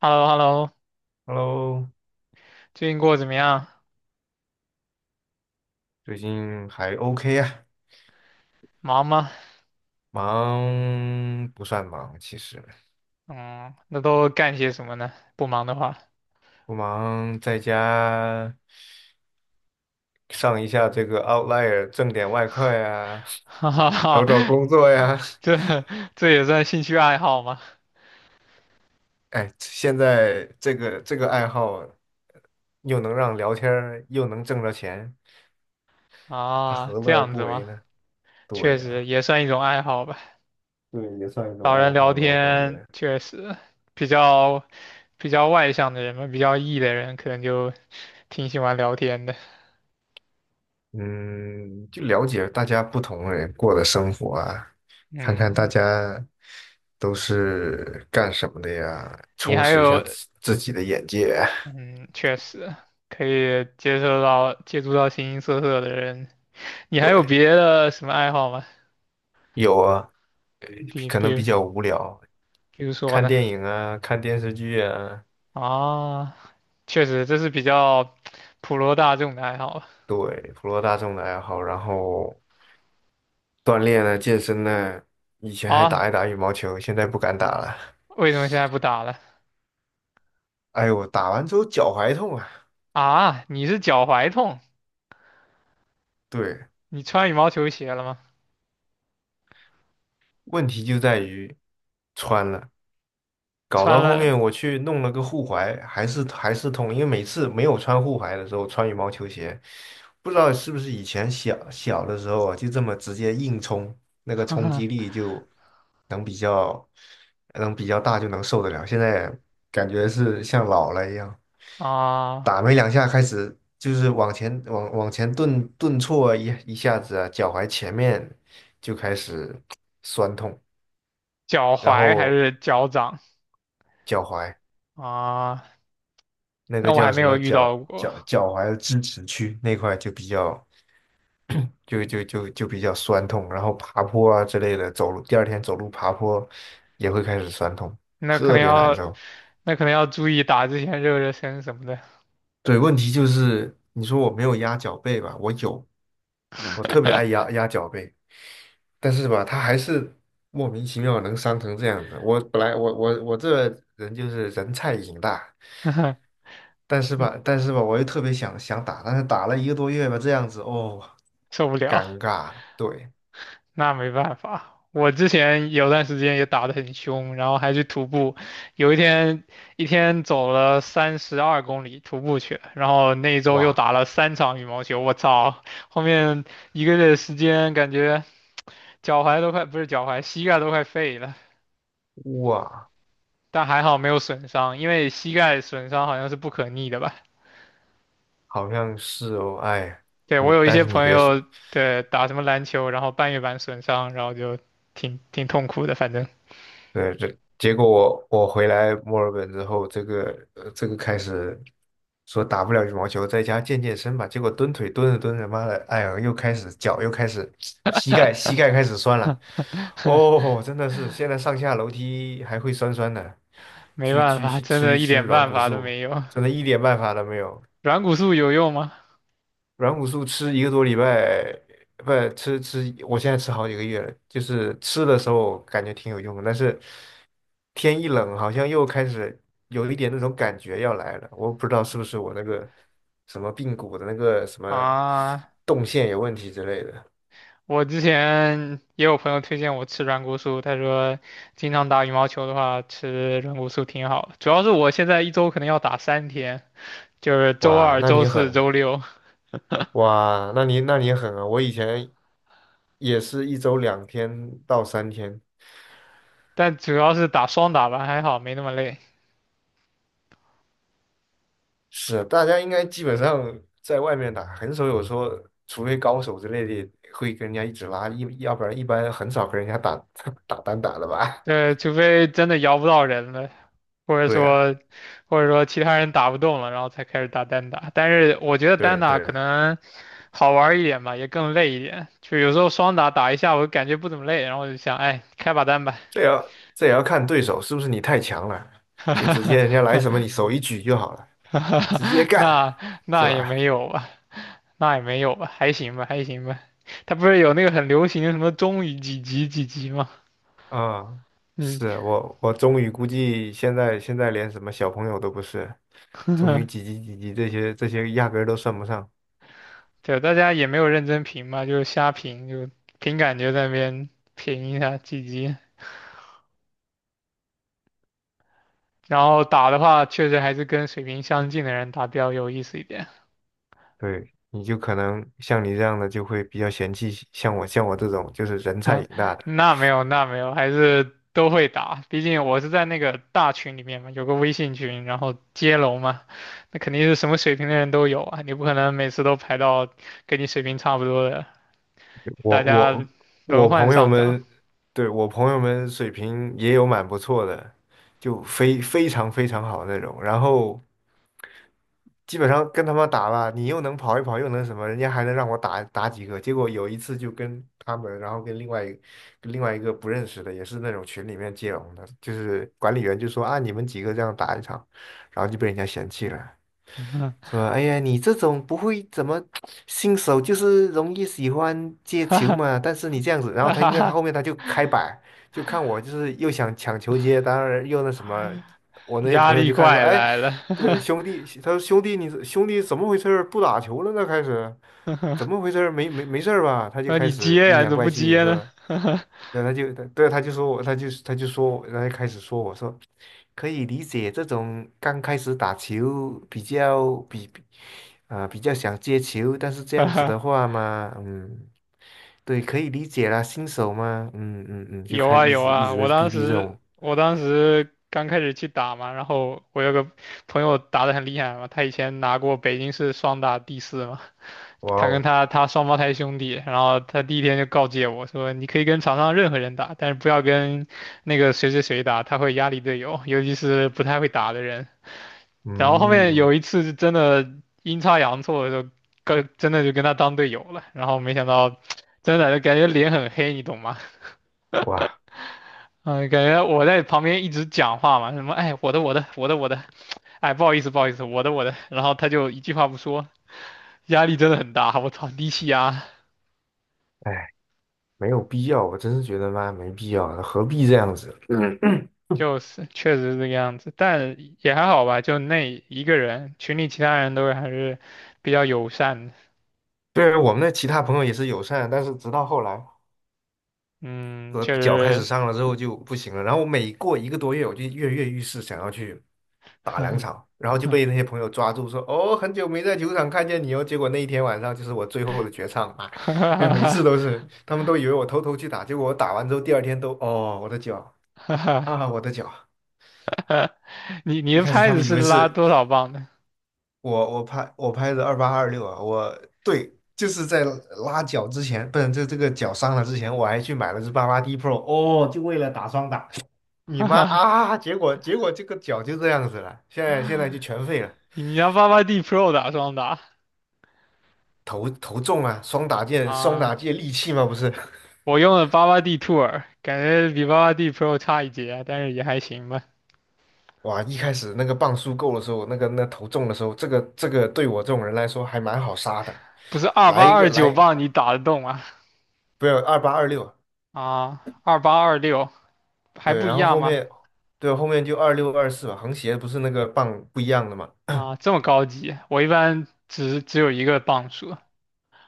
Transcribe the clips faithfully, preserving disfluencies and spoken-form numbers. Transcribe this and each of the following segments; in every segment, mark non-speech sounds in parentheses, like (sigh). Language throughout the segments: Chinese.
h e l l o h e l l o Hello，最近过得怎么样？最近还 OK 啊，忙吗？忙不算忙，其实嗯，那都干些什么呢？不忙的话，不忙，在家上一下这个 Outlier，挣点外快啊，(laughs) 哈哈找哈，找工作呀。这这也算兴趣爱好吗？哎，现在这个这个爱好又能让聊天儿又能挣着钱，他啊，何乐这而样不子为吗？呢？确对实呀，也算一种爱好吧。对，也算一种找人爱聊好了，我感天，觉。确实比较比较外向的人嘛，比较 E 的人可能就挺喜欢聊天的。嗯，就了解大家不同人过的生活啊，看看大嗯，家都是干什么的呀，你充还实一下有，自自己的眼界啊。嗯，确实可以接受到接触到形形色色的人。你 (laughs) 还有对，别的什么爱好吗？有啊，呃比可能比比较无聊，比如说看呢？电影啊，看电视剧啊，啊，确实这是比较普罗大众的爱好吧。对，普罗大众的爱好，然后锻炼啊，健身呢，以前还啊，打一打羽毛球，现在不敢打了。为什么现在不打了？哎呦，打完之后脚踝痛啊。啊，你是脚踝痛？对，你穿羽毛球鞋了吗？问题就在于穿了。搞穿到后了面我去弄了个护踝，还是还是痛，因为每次没有穿护踝的时候穿羽毛球鞋，不知道是不是以前小小的时候啊，就这么直接硬冲，那个冲击力就能比较能比较大，就能受得了。现在感觉是像老了一样，啊，打没两下开始就是往前往往前顿顿挫一一下子啊，脚踝前面就开始酸痛，脚然踝还后是脚掌脚踝。啊？那个那我还叫没什有么遇到脚过，脚脚踝的支持区那块就比较就就就就比较酸痛，然后爬坡啊之类的，走路第二天走路爬坡也会开始酸痛，那可特能别难要受。那可能要注意打之前热热身什么的，对，问题就是你说我没有压脚背吧，我有，我特别爱压压脚背，但是吧，它还是莫名其妙能伤成这样子。我本来我我我这人就是人菜瘾大，(laughs) 但是嗯，吧，但是吧，我又特别想想打，但是打了一个多月吧，这样子哦，受不尴了。尬，对，那没办法，我之前有段时间也打得很凶，然后还去徒步，有一天一天走了三十二公里徒步去了，然后那一周又哇打了三场羽毛球，我操，后面一个月的时间感觉脚踝都快，不是脚踝，膝盖都快废了，哇，但还好没有损伤，因为膝盖损伤好像是不可逆的吧？好像是哦，哎，对，我你有一但些是你朋别说，友，对，打什么篮球，然后半月板损伤，然后就挺挺痛苦的，反正。对，这结果我我回来墨尔本之后，这个呃这个开始说打不了羽毛球，在家健健身吧。结果蹲腿蹲着蹲着，妈的，哎呀，又开始脚又开始膝盖膝盖开始酸了。(laughs) 哦，真的是现在上下楼梯还会酸酸的，没去办去法，去真吃一的一吃点软办骨法都素，没有。真的一点办法都没有。软骨素有用吗？软骨素吃一个多礼拜，不吃吃，我现在吃好几个月了。就是吃的时候感觉挺有用的，但是天一冷，好像又开始有一点那种感觉要来了。我不知道是不是我那个什么髌骨的那个什么啊，动线有问题之类的。我之前也有朋友推荐我吃软骨素，他说经常打羽毛球的话吃软骨素挺好主要是我现在一周可能要打三天，就是周哇，二、那周你四、狠啊周六，哇，那你那你狠啊！我以前也是一周两天到三天。但主要是打双打吧，还好没那么累。是，大家应该基本上在外面打，很少有说，除非高手之类的会跟人家一直拉，一要不然一般很少跟人家打 (laughs) 打单打的吧？对，除非真的摇不到人了，或 (laughs) 者对啊，说或者说其他人打不动了，然后才开始打单打。但是我觉得单对打对可啊，能。好玩儿一点吧，也更累一点。就有时候双打打一下，我感觉不怎么累，然后我就想，哎，开把单吧。这也要这也要看对手是不是你太强了，就直接人家来什么你手一举就好了，直接 (laughs) 干，那是那也吧？没有吧，那也没有吧，还行吧，还行吧。他不是有那个很流行的什么中于几级几级吗？啊、嗯，是我我终于估计现在现在连什么小朋友都不是，终于几级几级这些这些压根儿都算不上。对，大家也没有认真评嘛，就是瞎评，就凭感觉在那边评一下几级。然后打的话，确实还是跟水平相近的人打比较有意思一点。对，你就可能像你这样的就会比较嫌弃，像我像我这种就是人菜啊，瘾大的，那没有，那没有，还是都会打。毕竟我是在那个大群里面嘛，有个微信群，然后接龙嘛，那肯定是什么水平的人都有啊。你不可能每次都排到跟你水平差不多的，大我家我轮我换朋友上涨，们，对，我朋友们水平也有蛮不错的，就非非常非常好那种，然后基本上跟他们打吧，你又能跑一跑，又能什么，人家还能让我打打几个，结果有一次就跟他们，然后跟另外一跟另外一个不认识的，也是那种群里面接龙的，就是管理员就说啊，你们几个这样打一场，然后就被人家嫌弃了。说，哎呀，你这种不会怎么新手，就是容易喜欢 (laughs) 接哈球嘛。但是你这样子，然后他因哈为他后哈面他就开摆，就看我就是又想抢球接，当然又那什么，我那些压朋友力就看说，怪哎，来了。对 (laughs) 兄弟，他说兄弟你兄弟怎么回事儿？不打球了呢？开始怎么回事儿？没没没事儿吧？他就那开你始接阴呀、你阳怎么怪不气接是呢？吧？(laughs) 对，他就对他就说我，他就他就说我，他就开始说我说可以理解这种刚开始打球比较比。啊，比较想接球，但是这样子的话嘛，嗯，对，可以理解啦，新手嘛，嗯嗯嗯，就有开始啊一有直一啊，直在我逼当逼这时种，我当时刚开始去打嘛，然后我有个朋友打得很厉害嘛，他以前拿过北京市双打第四嘛，(laughs) 哇他跟哦，他他双胞胎兄弟，然后他第一天就告诫我说，你可以跟场上任何人打，但是不要跟那个谁谁谁打，他会压力队友，尤其是不太会打的人。然后后面嗯，有一次是真的阴差阳错的就跟真的就跟他当队友了，然后没想到 (tsk) 真的就感觉脸很黑，你懂吗？哇，嗯，感觉我在旁边一直讲话嘛，什么哎，我的我的我的我的，哎，不好意思不好意思，我的我的，然后他就一句话不说，压力真的很大，我操，低气压，哎，没有必要，我真是觉得嘛，没必要，何必这样子？嗯，就是确实是这个样子，但也还好吧，就那一个人，群里其他人都还是比较友善的，对，我们的其他朋友也是友善，但是直到后来嗯，我确脚开始实，伤了之后就不行了，然后我每过一个多月，我就跃跃欲试，想要去。(laughs) 打两哈场，然后就被那些朋友抓住说，哦，很久没在球场看见你哦。结果那一天晚上就是我最后的绝唱啊，哎呀，每一次哈都是，他们都以为我偷偷去打，结果我打完之后第二天都，哦，我的脚哈哈啊，我的脚。你你一的开始拍他子们以是为拉是多少磅的？我我拍我拍的二八二六啊，我对，就是在拉脚之前，不是这这个脚伤了之前，我还去买了只八八 D Pro,哦，就为了打双打。(laughs) (laughs) 你哈妈哈啊！结果结果这个脚就这样子了，现在现在就全废了。你要八八 D Pro 打双打投投中啊，双打界双打啊？界利器嘛，不是？(laughs) 我用了八八 D t o 感觉比八八 D Pro 差一截啊，但是也还行吧。哇，一开始那个磅数够的时候，那个那投中的时候，这个这个对我这种人来说还蛮好杀的，不是二来八一个二来，九磅你打得动吗？不要二八二六，二八 二六啊，二八二六还对，不一然后样后吗？面对后面就二六二四吧，横斜不是那个磅不一样的嘛，啊，这么高级，我一般只只有一个磅数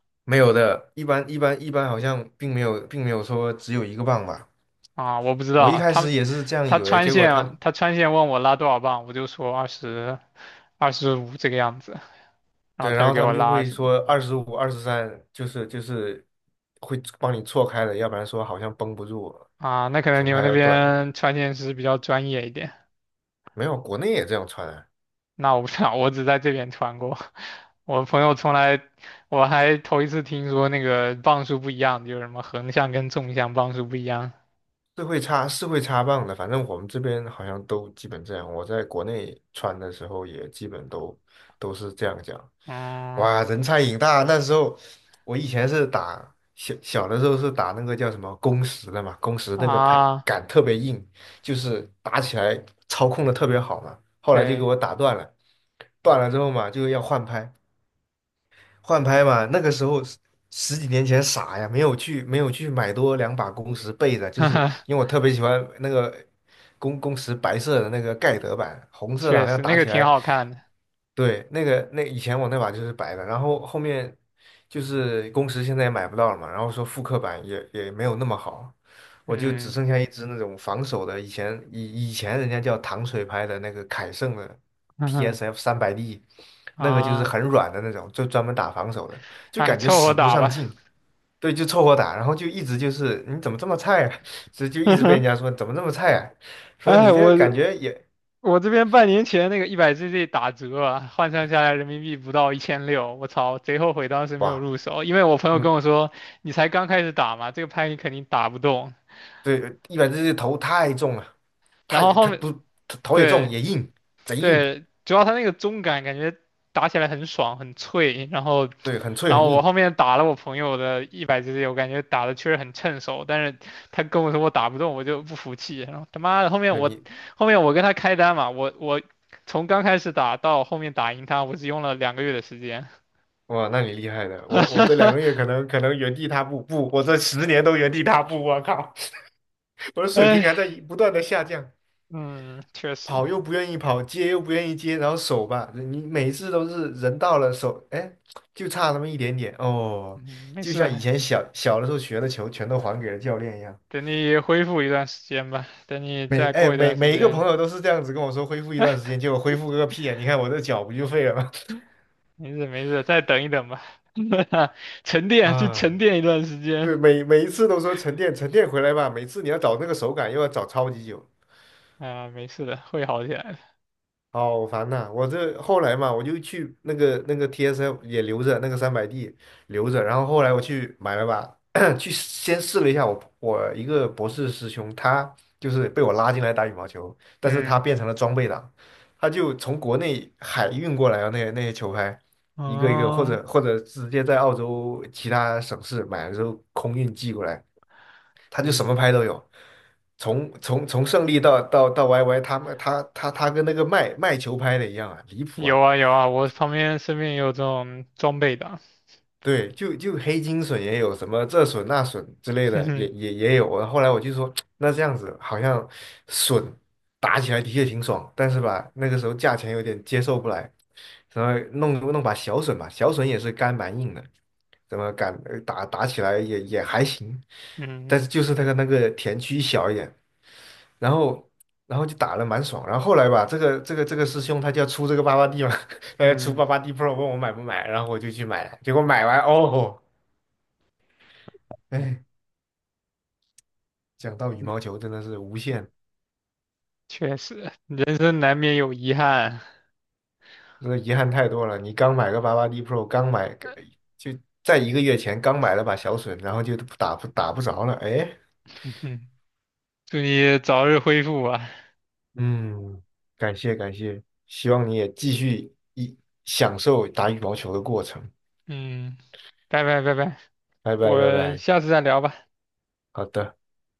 (coughs) 没有的，一般一般一般好像并没有并没有说只有一个磅吧，啊，我不知道我一啊开始他也是这样他以为，穿结果线他他穿线问我拉多少磅，我就说二十二十五这个样子，然后对，他然就后给他我们就拉二会十五说二十五、二十三，就是就是会帮你错开的，要不然说好像绷不住了啊，那可能球你们拍那要断了。边穿线师比较专业一点。没有，国内也这样穿啊，那我不知道，我只在这边穿过。(laughs) 我朋友从来，我还头一次听说那个磅数不一样，就是什么横向跟纵向磅数不一样。是会插是会插棒的，反正我们这边好像都基本这样。我在国内穿的时候也基本都都是这样讲。嗯哇，人菜瘾大！那时候我以前是打小小的时候是打那个叫什么工时的嘛，工时那个牌啊，杆特别硬，就是打起来操控的特别好嘛。后来就给对，我打断了，断了之后嘛就要换拍，换拍嘛，那个时候十十几年前傻呀，没有去没有去买多两把公时备着，就是因为 (laughs) 我特别喜欢那个公公时白色的那个盖德版，红色的确好像实那打个起挺来好看的。对，那个那以前我那把就是白的，然后后面就是工时现在也买不到了嘛，然后说复刻版也也没有那么好，我就只嗯，剩下一只那种防守的，以前以以前人家叫糖水拍的那个凯盛的 T S F (laughs) 三百 D,那个就是啊，很软的那种，就专门打防守的，就哎，感觉凑合使不打上吧。劲，对，就凑合打，然后就一直就是你怎么这么菜啊，(laughs) 所以就一直被人家 (laughs) 说怎么这么菜啊，说你哎，这个我感觉也我这边半年前那个一百 G G 打折啊，换算下来人民币不到一千六，我操，贼后悔当时没有哇。入手，因为我朋友跟嗯。我说，你才刚开始打嘛，这个拍你肯定打不动。对，一百只头太重了，然太后后他面不头也重对也硬，贼硬，对，主要它那个中感，感觉打起来很爽很脆，然后对，很脆然很后我硬。后面打了我朋友的一百 g C，我感觉打的确实很趁手，但是他跟我说我打不动，我就不服气，然后他妈的后面对我你，后面我跟他开单嘛，我我从刚开始打到后面打赢他，我只用了两个月的时间，哇，那你厉害的。我我这两个月可 (laughs) 能可能原地踏步，不，我这十年都原地踏步。我靠，(laughs) 我的水平哎，还在不断的下降，嗯，确实，跑又不愿意跑，接又不愿意接，然后手吧，你每次都是人到了手，哎，就差那么一点点哦，嗯，没就事，像以前小小的时候学的球全都还给了教练一样。等你恢复一段时间吧，等你每再哎过一每段时每一个间。朋友都是这样子跟我说恢复一段时间，结果恢复个屁啊！你看我这脚不就废了吗？没事没事，再等一等吧，(laughs) 沉 (laughs) 淀就沉啊，淀一段时间对，每每一次都说沉淀沉淀回来吧，每次你要找那个手感又要找超级久。啊，没事的，会好起来的。好烦呐、我这后来嘛，我就去那个那个 T S L 也留着，那个三百 D 留着，然后后来我去买了把，(coughs) (clears throat) 去先试了一下我我一个博士师兄，他就是被我拉进来打羽毛球，但是他嗯，变成了装备党，他就从国内海运过来的那些那些球拍，一个一个或哦，者或者直接在澳洲其他省市买了之后空运寄过来，他就什么嗯，拍都有，从从从胜利到到到 Y Y,他们他他他跟那个卖卖球拍的一样啊，离谱啊！有啊有啊，我旁边身边也有这种装备的啊。对，就就黑金笋也有什么这笋那笋之类 (laughs) 哼的，哼，也也也有啊。我后来我就说，(tsk) 那这样子好像笋打起来的确挺爽，但是吧，那个时候价钱有点接受不来，然后弄弄把小笋吧，小笋也是干蛮硬的，怎么敢呃打打起来也也还行，嗯但是就是那个那个田区小一点。然后然后就打了蛮爽。然后后来吧，这个这个这个师兄他就要出这个八八 D 嘛，(laughs) 他要出嗯，八八 D Pro,问我买不买，然后我就去买了结果买完哦，哎，讲到羽毛球真的是无限，确实，人生难免有遗憾，真的遗憾太多了。你刚买个八八 D Pro,刚买个 (laughs) 就在一个月前刚买了把小隼，然后就打不打不着了。哎，嗯哼，祝你早日恢复啊，嗯，感谢感谢，希望你也继续一享受打羽毛球的过程。嗯，拜拜拜拜，拜拜拜我拜，下次再聊吧。好的。